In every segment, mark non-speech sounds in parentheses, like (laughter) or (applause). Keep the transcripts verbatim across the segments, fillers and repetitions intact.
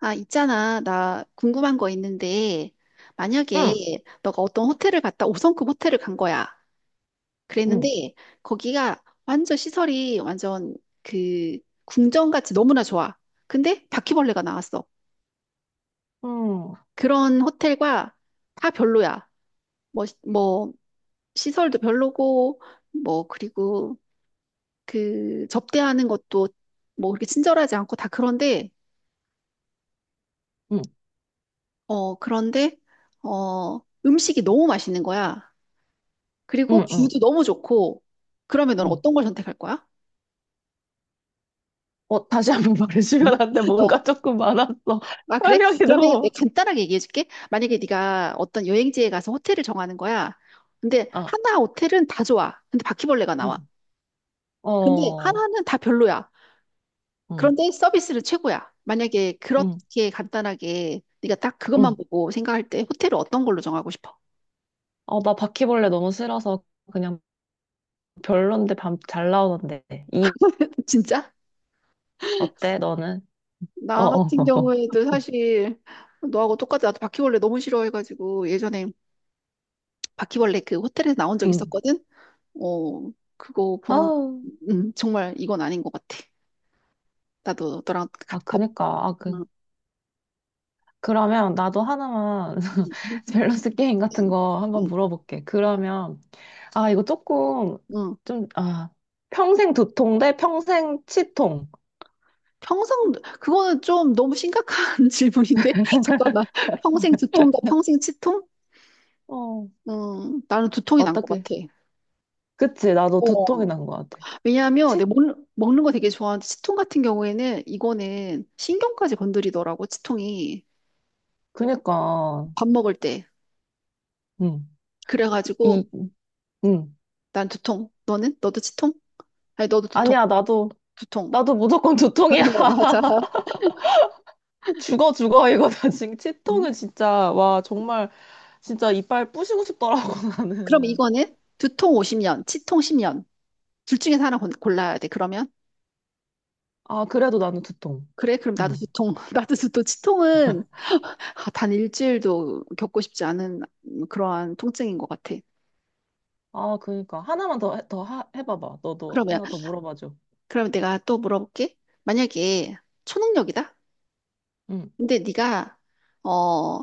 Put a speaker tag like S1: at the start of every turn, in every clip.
S1: 아, 있잖아. 나 궁금한 거 있는데,
S2: 응,
S1: 만약에 너가 어떤 호텔을 갔다 오 성급 호텔을 간 거야. 그랬는데,
S2: 응,
S1: 거기가 완전 시설이 완전 그 궁전같이 너무나 좋아. 근데 바퀴벌레가 나왔어.
S2: 응,
S1: 그런 호텔과 다 별로야. 뭐, 시- 뭐, 시설도 별로고, 뭐, 그리고 그 접대하는 것도 뭐 그렇게 친절하지 않고 다 그런데,
S2: 응,
S1: 어, 그런데, 어, 음식이 너무 맛있는 거야. 그리고
S2: 응, 응.
S1: 뷰도 너무 좋고, 그러면 넌
S2: 응.
S1: 어떤 걸 선택할 거야?
S2: 어, 다시 한번 (laughs)
S1: 응?
S2: 말해주면 안 돼.
S1: 어,
S2: 뭔가 조금 많았어.
S1: 아,
S2: (laughs)
S1: 그래?
S2: 설명이
S1: 그러면
S2: 너무.
S1: 내가 간단하게 얘기해 줄게. 만약에 네가 어떤 여행지에 가서 호텔을 정하는 거야. 근데
S2: 아,
S1: 하나 호텔은 다 좋아. 근데 바퀴벌레가
S2: 응,
S1: 나와. 근데
S2: 어,
S1: 하나는 다 별로야.
S2: 응,
S1: 그런데 서비스는 최고야. 만약에
S2: 응,
S1: 그렇게 간단하게 네가 딱
S2: 응.
S1: 그것만 보고 생각할 때 호텔을 어떤 걸로 정하고 싶어?
S2: 어, 나 바퀴벌레 너무 싫어서 그냥 별론데 밤 잘 나오는데. 이,
S1: (laughs) 진짜?
S2: 어때, 너는? 어,
S1: 나
S2: 어,
S1: 같은
S2: (laughs) 어. 어.
S1: 경우에도 사실 너하고 똑같아. 나도 바퀴벌레 너무 싫어해가지고 예전에 바퀴벌레 그 호텔에서 나온 적
S2: 응.
S1: 있었거든. 어, 그거
S2: 아,
S1: 본, 음, 정말 이건 아닌 것 같아. 나도 너랑
S2: 아,
S1: 같이 덮,
S2: 그니까. 아, 그,
S1: 응,
S2: 그러면 나도 하나만 (laughs) 밸런스 게임 같은 거
S1: 응,
S2: 한번 물어볼게. 그러면, 아, 이거 조금,
S1: 응.
S2: 좀, 아, 평생 두통 대 평생 치통.
S1: 평생, 그거는 좀 너무 심각한 (laughs) 질문인데? (laughs) 잠깐만. 평생 두통과 평생 치통?
S2: 어,
S1: 음, 나는 두통이 난 것
S2: 어떻게.
S1: 같아.
S2: 그치, 나도
S1: 어,
S2: 두통이 난 것 같아.
S1: 왜냐하면
S2: 치,
S1: 내가 먹는, 먹는 거 되게 좋아하는데 치통 같은 경우에는 이거는 신경까지 건드리더라고 치통이
S2: 그니까,
S1: 밥 먹을 때
S2: 응, 이,
S1: 그래가지고
S2: 응.
S1: 난 두통 너는 너도 치통? 아니 너도 두통
S2: 아니야, 나도,
S1: 두통.
S2: 나도 무조건 두통이야.
S1: (laughs)
S2: (laughs)
S1: 맞아.
S2: 죽어, 죽어, 이거 나 지금
S1: 음.
S2: 치통은 진짜, 와, 정말, 진짜 이빨 부시고 싶더라고, (laughs)
S1: 그럼
S2: 나는.
S1: 이거는 두통 오십 년, 치통 십 년. 둘 중에서 하나 곤- 골라야 돼. 그러면?
S2: 아, 그래도 나는 두통.
S1: 그래, 그럼 나도
S2: 응.
S1: 두통. (laughs) 나도 두통. 치통은 아, 단 일주일도 겪고 싶지 않은 음, 그러한 통증인 것 같아.
S2: 아, 그니까. 하나만 더, 해- 더 하, 해봐봐. 너도
S1: 그러면,
S2: 하나 더 물어봐줘.
S1: 그럼 내가 또 물어볼게. 만약에 초능력이다?
S2: 응,
S1: 근데 네가 어,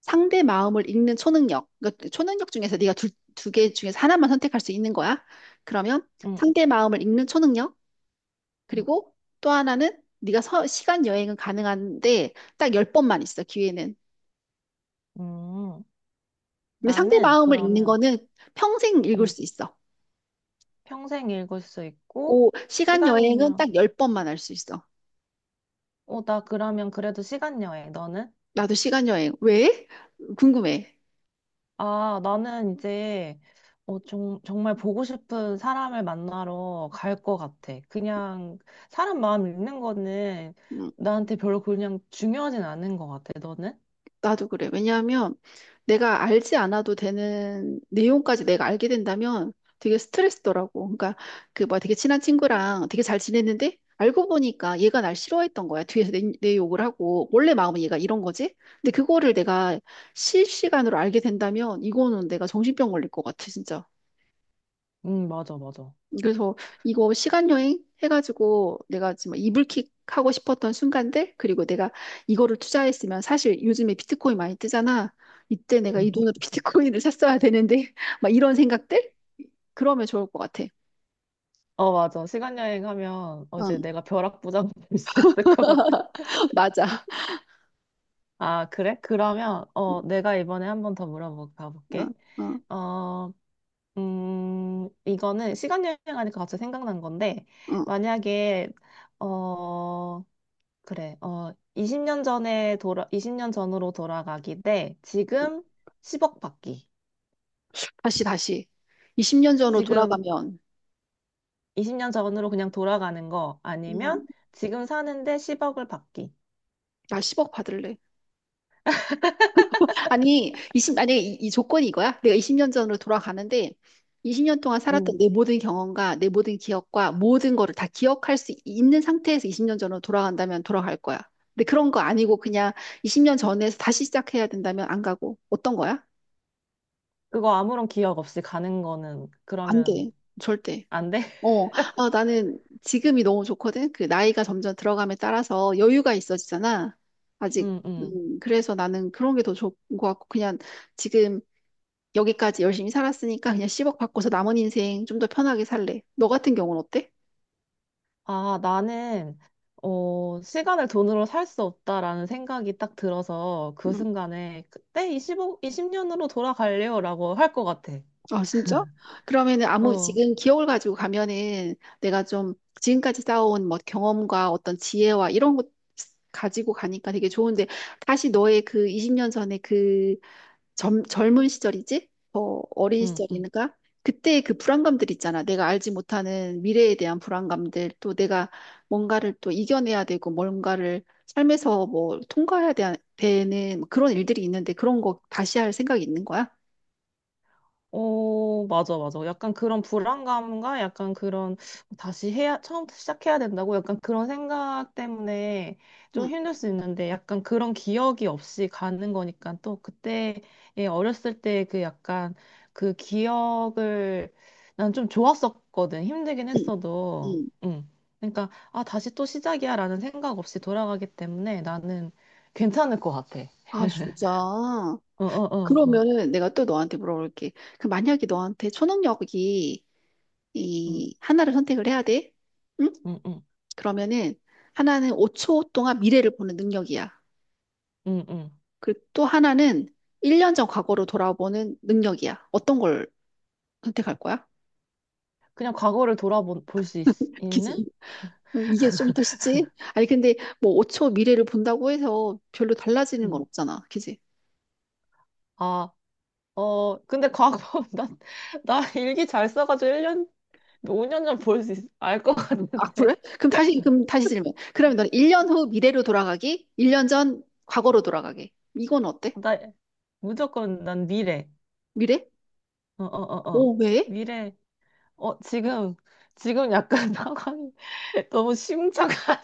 S1: 상대 마음을 읽는 초능력. 그러니까 초능력 중에서 네가 두, 두 개 중에서 하나만 선택할 수 있는 거야. 그러면
S2: 응,
S1: 상대 마음을 읽는 초능력?
S2: 응,
S1: 그리고 또 하나는 네가 서- 시간 여행은 가능한데 딱 열번만 있어, 기회는.
S2: 응.
S1: 근데 상대
S2: 나는
S1: 마음을 읽는
S2: 그러면,
S1: 거는 평생 읽을
S2: 응,
S1: 수 있어.
S2: 평생 읽을 수 있고,
S1: 고 시간 여행은
S2: 시간여.
S1: 딱 열번만 할 수 있어.
S2: 어, 나 그러면 그래도 시간여행. 너는?
S1: 나도 시간 여행. 왜? 궁금해.
S2: 아, 나는 이제, 어, 정, 정말 보고 싶은 사람을 만나러 갈 것 같아. 그냥, 사람 마음 읽는 거는
S1: 음.
S2: 나한테 별로 그냥 중요하진 않은 것 같아. 너는?
S1: 나도 그래. 왜냐하면 내가 알지 않아도 되는 내용까지 내가 알게 된다면 되게 스트레스더라고. 그러니까 그 뭐야 되게 친한 친구랑 되게 잘 지냈는데 알고 보니까 얘가 날 싫어했던 거야. 뒤에서 내, 내 욕을 하고 원래 마음은 얘가 이런 거지. 근데 그거를 내가 실시간으로 알게 된다면 이거는 내가 정신병 걸릴 것 같아, 진짜.
S2: 응, 맞아, 맞아.
S1: 그래서 이거 시간 여행 해가지고 내가 지금 이불킥 하고 싶었던 순간들 그리고 내가 이거를 투자했으면 사실 요즘에 비트코인 많이 뜨잖아. 이때 내가 이 돈으로 (laughs) 비트코인을 샀어야 되는데 (laughs) 막 이런 생각들 그러면 좋을 것 같아.
S2: 어, 맞아. 시간 여행하면 어, 이제
S1: 응,
S2: 내가 벼락부장 (laughs) 될 수 있을 것 같아.
S1: (laughs) 맞아.
S2: 아, 그래? 그러면
S1: 응,
S2: 어, 내가 이번에 한번 더 물어볼까
S1: 응,
S2: 볼게.
S1: 응,
S2: 어, 음, 이거는 시간 여행하니까 갑자기 생각난 건데 만약에 어, 그래. 어, 이십 년 전에 돌아 이십 년 전으로 돌아가기 대
S1: 응.
S2: 지금 십억 받기.
S1: 다시 다시 이십 년 전으로
S2: 지금
S1: 돌아가면
S2: 이십 년 전으로 그냥 돌아가는 거 아니면
S1: 음,
S2: 지금 사는데 십억을 받기.
S1: 나 십억 받을래. 아니, 이십 만약에 이, 이 조건이 이거야? 내가 이십 년 전으로 돌아가는데 이십 년 동안
S2: 음.
S1: 살았던 내 모든 경험과 내 모든 기억과 모든 거를 다 기억할 수 있는 상태에서 이십 년 전으로 돌아간다면 돌아갈 거야. 근데 그런 거 아니고 그냥 이십 년 전에서 다시 시작해야 된다면 안 가고 어떤 거야?
S2: 그거 아무런 기억 없이 가는 거는
S1: 안
S2: 그러면
S1: 돼. 절대.
S2: 안 돼? (laughs)
S1: 어, 아, 나는 지금이 너무 좋거든. 그 나이가 점점 들어감에 따라서 여유가 있어지잖아. 아직.
S2: 응, 응.
S1: 음, 그래서 나는 그런 게 더 좋은 것 같고 그냥 지금 여기까지 열심히 살았으니까 그냥 십억 받고서 남은 인생 좀 더 편하게 살래. 너 같은 경우는 어때?
S2: 아, 나는, 어, 시간을 돈으로 살 수 없다라는 생각이 딱 들어서 그
S1: 음.
S2: 순간에 그때 이 오 이영 년으로 돌아갈래요라고 할 것 같아.
S1: 아, 진짜? 그러면은 아무
S2: 어,
S1: 지금 기억을 가지고 가면은 내가 좀 지금까지 쌓아온 뭐 경험과 어떤 지혜와 이런 것 가지고 가니까 되게 좋은데 다시 너의 그 이십 년 전에 그 젊, 젊은 시절이지? 어, 어린
S2: 응, 응.
S1: 시절이니까 그때의 그 불안감들 있잖아. 내가 알지 못하는 미래에 대한 불안감들, 또 내가 뭔가를 또 이겨내야 되고 뭔가를 삶에서 뭐 통과해야 되, 되는 그런 일들이 있는데 그런 거 다시 할 생각이 있는 거야?
S2: 어, 맞아, 맞아. 약간 그런 불안감과 약간 그런 다시 해야, 처음부터 시작해야 된다고 약간 그런 생각 때문에 좀
S1: 응,
S2: 힘들 수 있는데 약간 그런 기억이 없이 가는 거니까 또 그때 예, 어렸을 때 그 약간 그 기억을 난 좀 좋았었거든. 힘들긴
S1: 응,
S2: 했어도.
S1: 응.
S2: 응. 그러니까 아, 다시 또 시작이야 라는 생각 없이 돌아가기 때문에 나는 괜찮을 것 같아.
S1: 아, 진짜.
S2: 어, 어, 어, 어.
S1: 그러면은 내가 또 너한테 물어볼게. 그 만약에 너한테 초능력이
S2: 응,
S1: 이 하나를 선택을 해야 돼? 응?
S2: 응, 응,
S1: 그러면은 하나는 오 초 동안 미래를 보는 능력이야.
S2: 응, 응.
S1: 그리고 또 하나는 일 년 전 과거로 돌아보는 능력이야. 어떤 걸 선택할 거야?
S2: 그냥 과거를 돌아볼 수 있,
S1: (laughs) 그치?
S2: 는
S1: 이- 이게 좀 더 쉽지? 아니, 근데 뭐 오 초 미래를 본다고 해서 별로 달라지는 건
S2: 음.
S1: 없잖아. 그치?
S2: 아, 어, 근데 과거, (laughs) 나, 나 일기 잘 써가지고 일 년 오 년 전 볼 수 있, 알 것
S1: 아, 그래?
S2: 같은데.
S1: 그럼 다시,
S2: (laughs)
S1: 그럼 다시 질문. 그러면 너는 일 년 후 미래로 돌아가기, 일 년 전 과거로 돌아가기. 이건 어때?
S2: 나 무조건 난 미래.
S1: 미래?
S2: 어, 어, 어, 어.
S1: 오, 왜?
S2: 미래. 어, 지금, 지금 약간 (laughs) 상황이 너무 심각한.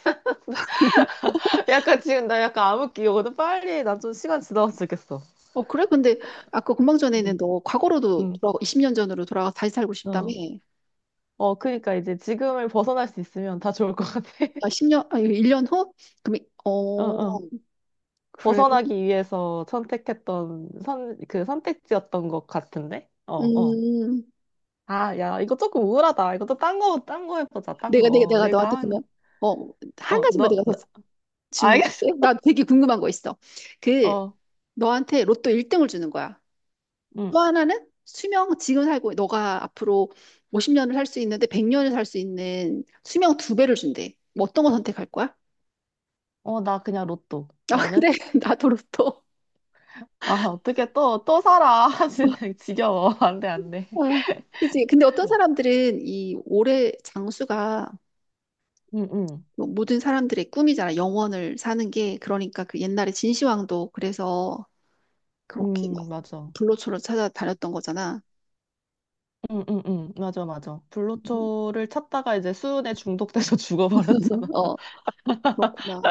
S2: (laughs) 약간 지금 나 약간 암흑기 오거든. 빨리 난 좀 시간 지나면 좋겠어.
S1: 어, 그래? 근데 아까 금방 전에는
S2: 응,
S1: 너 과거로도
S2: 응,
S1: 돌아가, 이십 년 전으로 돌아가서 다시 살고 싶다며.
S2: 어. 어, 그니까 이제 지금을 벗어날 수 있으면 다 좋을 것 같아.
S1: 아,
S2: (laughs)
S1: 십 년, 아니, 일 년 후? 그럼, 이-
S2: 어,
S1: 어,
S2: 어.
S1: 그래.
S2: 벗어나기 위해서 선택했던 선, 그 선택지였던 것 같은데? 어, 어.
S1: 음,
S2: 아, 야, 이거 조금 우울하다. 이것도 딴 거, 딴 거 해보자, 딴
S1: 내가, 내가,
S2: 거.
S1: 내가 너한테
S2: 내가
S1: 그러면,
S2: 한,
S1: 어, 한
S2: 어,
S1: 가지만
S2: 너,
S1: 내가 더
S2: 나-
S1: 질문할게.
S2: 알겠어.
S1: 나 되게 궁금한 거 있어.
S2: (laughs)
S1: 그,
S2: 어,
S1: 너한테 로또 일 등을 주는 거야.
S2: 응.
S1: 또 하나는 수명 지금 살고 너가 앞으로 오십 년을 살 수 있는데 백 년을 살 수 있는 수명 두 배를 준대. 뭐 어떤 거 선택할 거야?
S2: 어, 나 그냥 로또.
S1: 아 그래
S2: 너는?
S1: (laughs) 나도 로또.
S2: 아, 어떻게 또, 또 살아. (laughs) 진짜 지겨워. 안 돼, 안 돼.
S1: 아, 그치. 근데 어떤 사람들은 이 올해 장수가
S2: 응, 응.
S1: 뭐 모든 사람들의 꿈이잖아. 영원을 사는 게. 그러니까 그 옛날에 진시황도 그래서 그렇게 막
S2: 응, 맞아.
S1: 불로초로 찾아다녔던 거잖아.
S2: 응, 응, 응. 맞아, 맞아.
S1: (laughs)
S2: 불로초를 찾다가 이제 수은에 중독돼서 (laughs) 죽어버렸잖아.
S1: 어, 그렇구나.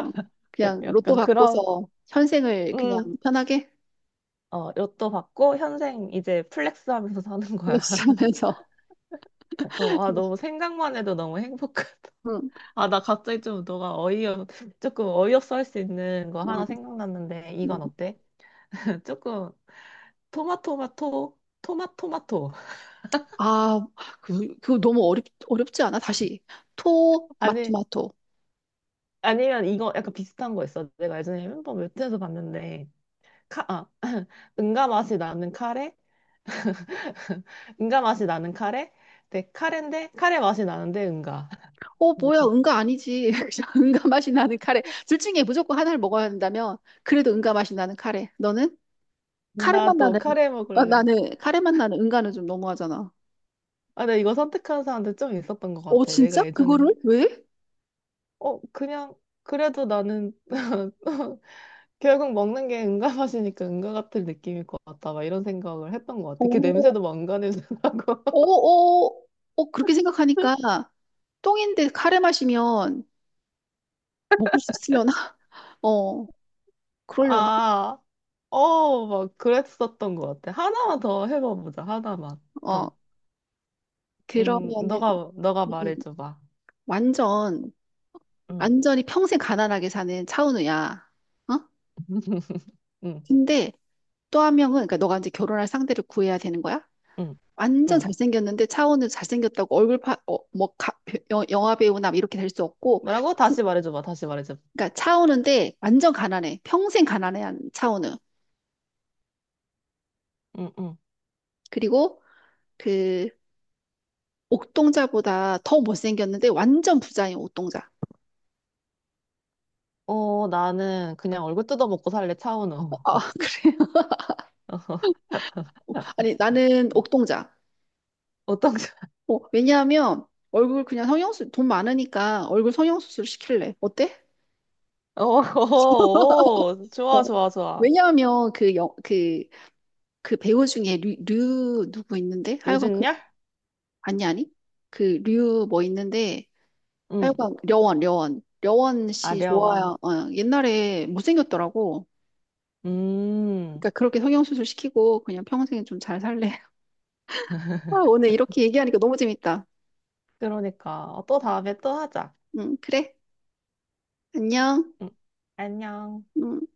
S2: (laughs)
S1: 그냥 로또
S2: 약간 그런,
S1: 받고서 현생을 그냥
S2: 응.
S1: 편하게
S2: 어, 로또 받고 현생 이제 플렉스 하면서 사는
S1: (laughs)
S2: 거야.
S1: 플렉스 하면서.
S2: (laughs) 어, 아, 너무 생각만 해도 너무 행복하다.
S1: 응,
S2: (laughs) 아, 나 갑자기 좀 너가 어이없, 조금 어이없어 할 수 있는 거
S1: 응,
S2: 하나 생각났는데,
S1: 응.
S2: 이건 어때? (laughs) 조금 토마토마토, 토마토마토. (laughs)
S1: 아, 그, 그 너무 어렵, 어렵지 않아? 다시. 토,
S2: 아니,
S1: 마토마토.
S2: 아니면 이거 약간 비슷한 거 있어. 내가 예전에 햄버거 웹툰에서 봤는데, 카, 아, (laughs) 응가 맛이 나는 카레? (laughs) 응가 맛이 나는 카레? 네, 카레인데, 카레 맛이 나는데 응가. (laughs)
S1: 어, 뭐야,
S2: 이거.
S1: 응가 아니지. (laughs) 그냥 응가 맛이 나는 카레. 둘 중에 무조건 하나를 먹어야 한다면, 그래도 응가 맛이 나는 카레. 너는? 카레 맛
S2: 나도
S1: 나는,
S2: 카레
S1: 어,
S2: 먹을래.
S1: 나는, 카레 맛 나는 응가는 좀 너무하잖아.
S2: 아, 나 이거 선택한 사람들 좀 있었던 것
S1: 어,
S2: 같아.
S1: 진짜?
S2: 내가
S1: 그거를?
S2: 예전에.
S1: 왜?
S2: 어, 그냥, 그래도 나는, (laughs) 결국 먹는 게 은가 맛이니까 은가 같은 느낌일 것 같다. 막 이런 생각을 했던 것 같아. 그
S1: 어,
S2: 냄새도 막 은가 냄새 나고.
S1: 어, 어, 어, 그렇게 생각하니까,
S2: (laughs)
S1: 똥인데 카레 마시면 먹을 수 있으려나? (laughs) 어, 그러려나?
S2: 아, 어, 막 그랬었던 것 같아. 하나만 더 해봐보자. 하나만
S1: 어,
S2: 더. 음,
S1: 그러면은,
S2: 너가, 너가
S1: 음, 음.
S2: 말해줘봐.
S1: 완전,
S2: 응,
S1: 완전히 평생 가난하게 사는 차은우야. 어?
S2: (laughs) 응,
S1: 근데 또 한 명은, 그러니까 너가 이제 결혼할 상대를 구해야 되는 거야?
S2: 응,
S1: 완전
S2: 응.
S1: 잘생겼는데 차은우 잘생겼다고 얼굴 파, 어, 뭐, 가, 여- 영화 배우나 이렇게 될 수 없고,
S2: 뭐라고?
S1: 진-
S2: 다시 말해줘봐. 다시 말해줘봐.
S1: 그러니까 차은우인데 완전 가난해. 평생 가난해한 차은우.
S2: 응, 응.
S1: 그리고 그 옥동자보다 더 못생겼는데 완전 부자인 옥동자.
S2: 어, 나는 그냥 얼굴 뜯어먹고 살래,
S1: 어,
S2: 차은우.
S1: 아, (laughs) 그래요?
S2: (laughs)
S1: 아니, 나는 옥동자.
S2: 어떤, (laughs)
S1: 어, 왜냐하면 얼굴 그냥 성형수 돈 많으니까 얼굴 성형수술 시킬래. 어때?
S2: 오, 오, 오, 좋아,
S1: 어.
S2: 좋아, 좋아.
S1: 왜냐하면 그 영, 그, 그 배우 중에 류, 류 누구 있는데? 하여간 그
S2: 유준열?
S1: 아니 아니 그 류 뭐 있는데
S2: 응,
S1: 하여간 려원 려원 려원 씨
S2: 아려원.
S1: 좋아요. 어, 옛날에 못생겼더라고.
S2: 음,
S1: 그러니까 그렇게 성형수술 시키고 그냥 평생 좀 잘 살래. (laughs) 아, 오늘 이렇게 얘기하니까 너무 재밌다.
S2: 그러니까. 어, 또 다음에 또 하자.
S1: 응, 그래. 안녕.
S2: 응. 안녕.
S1: 음.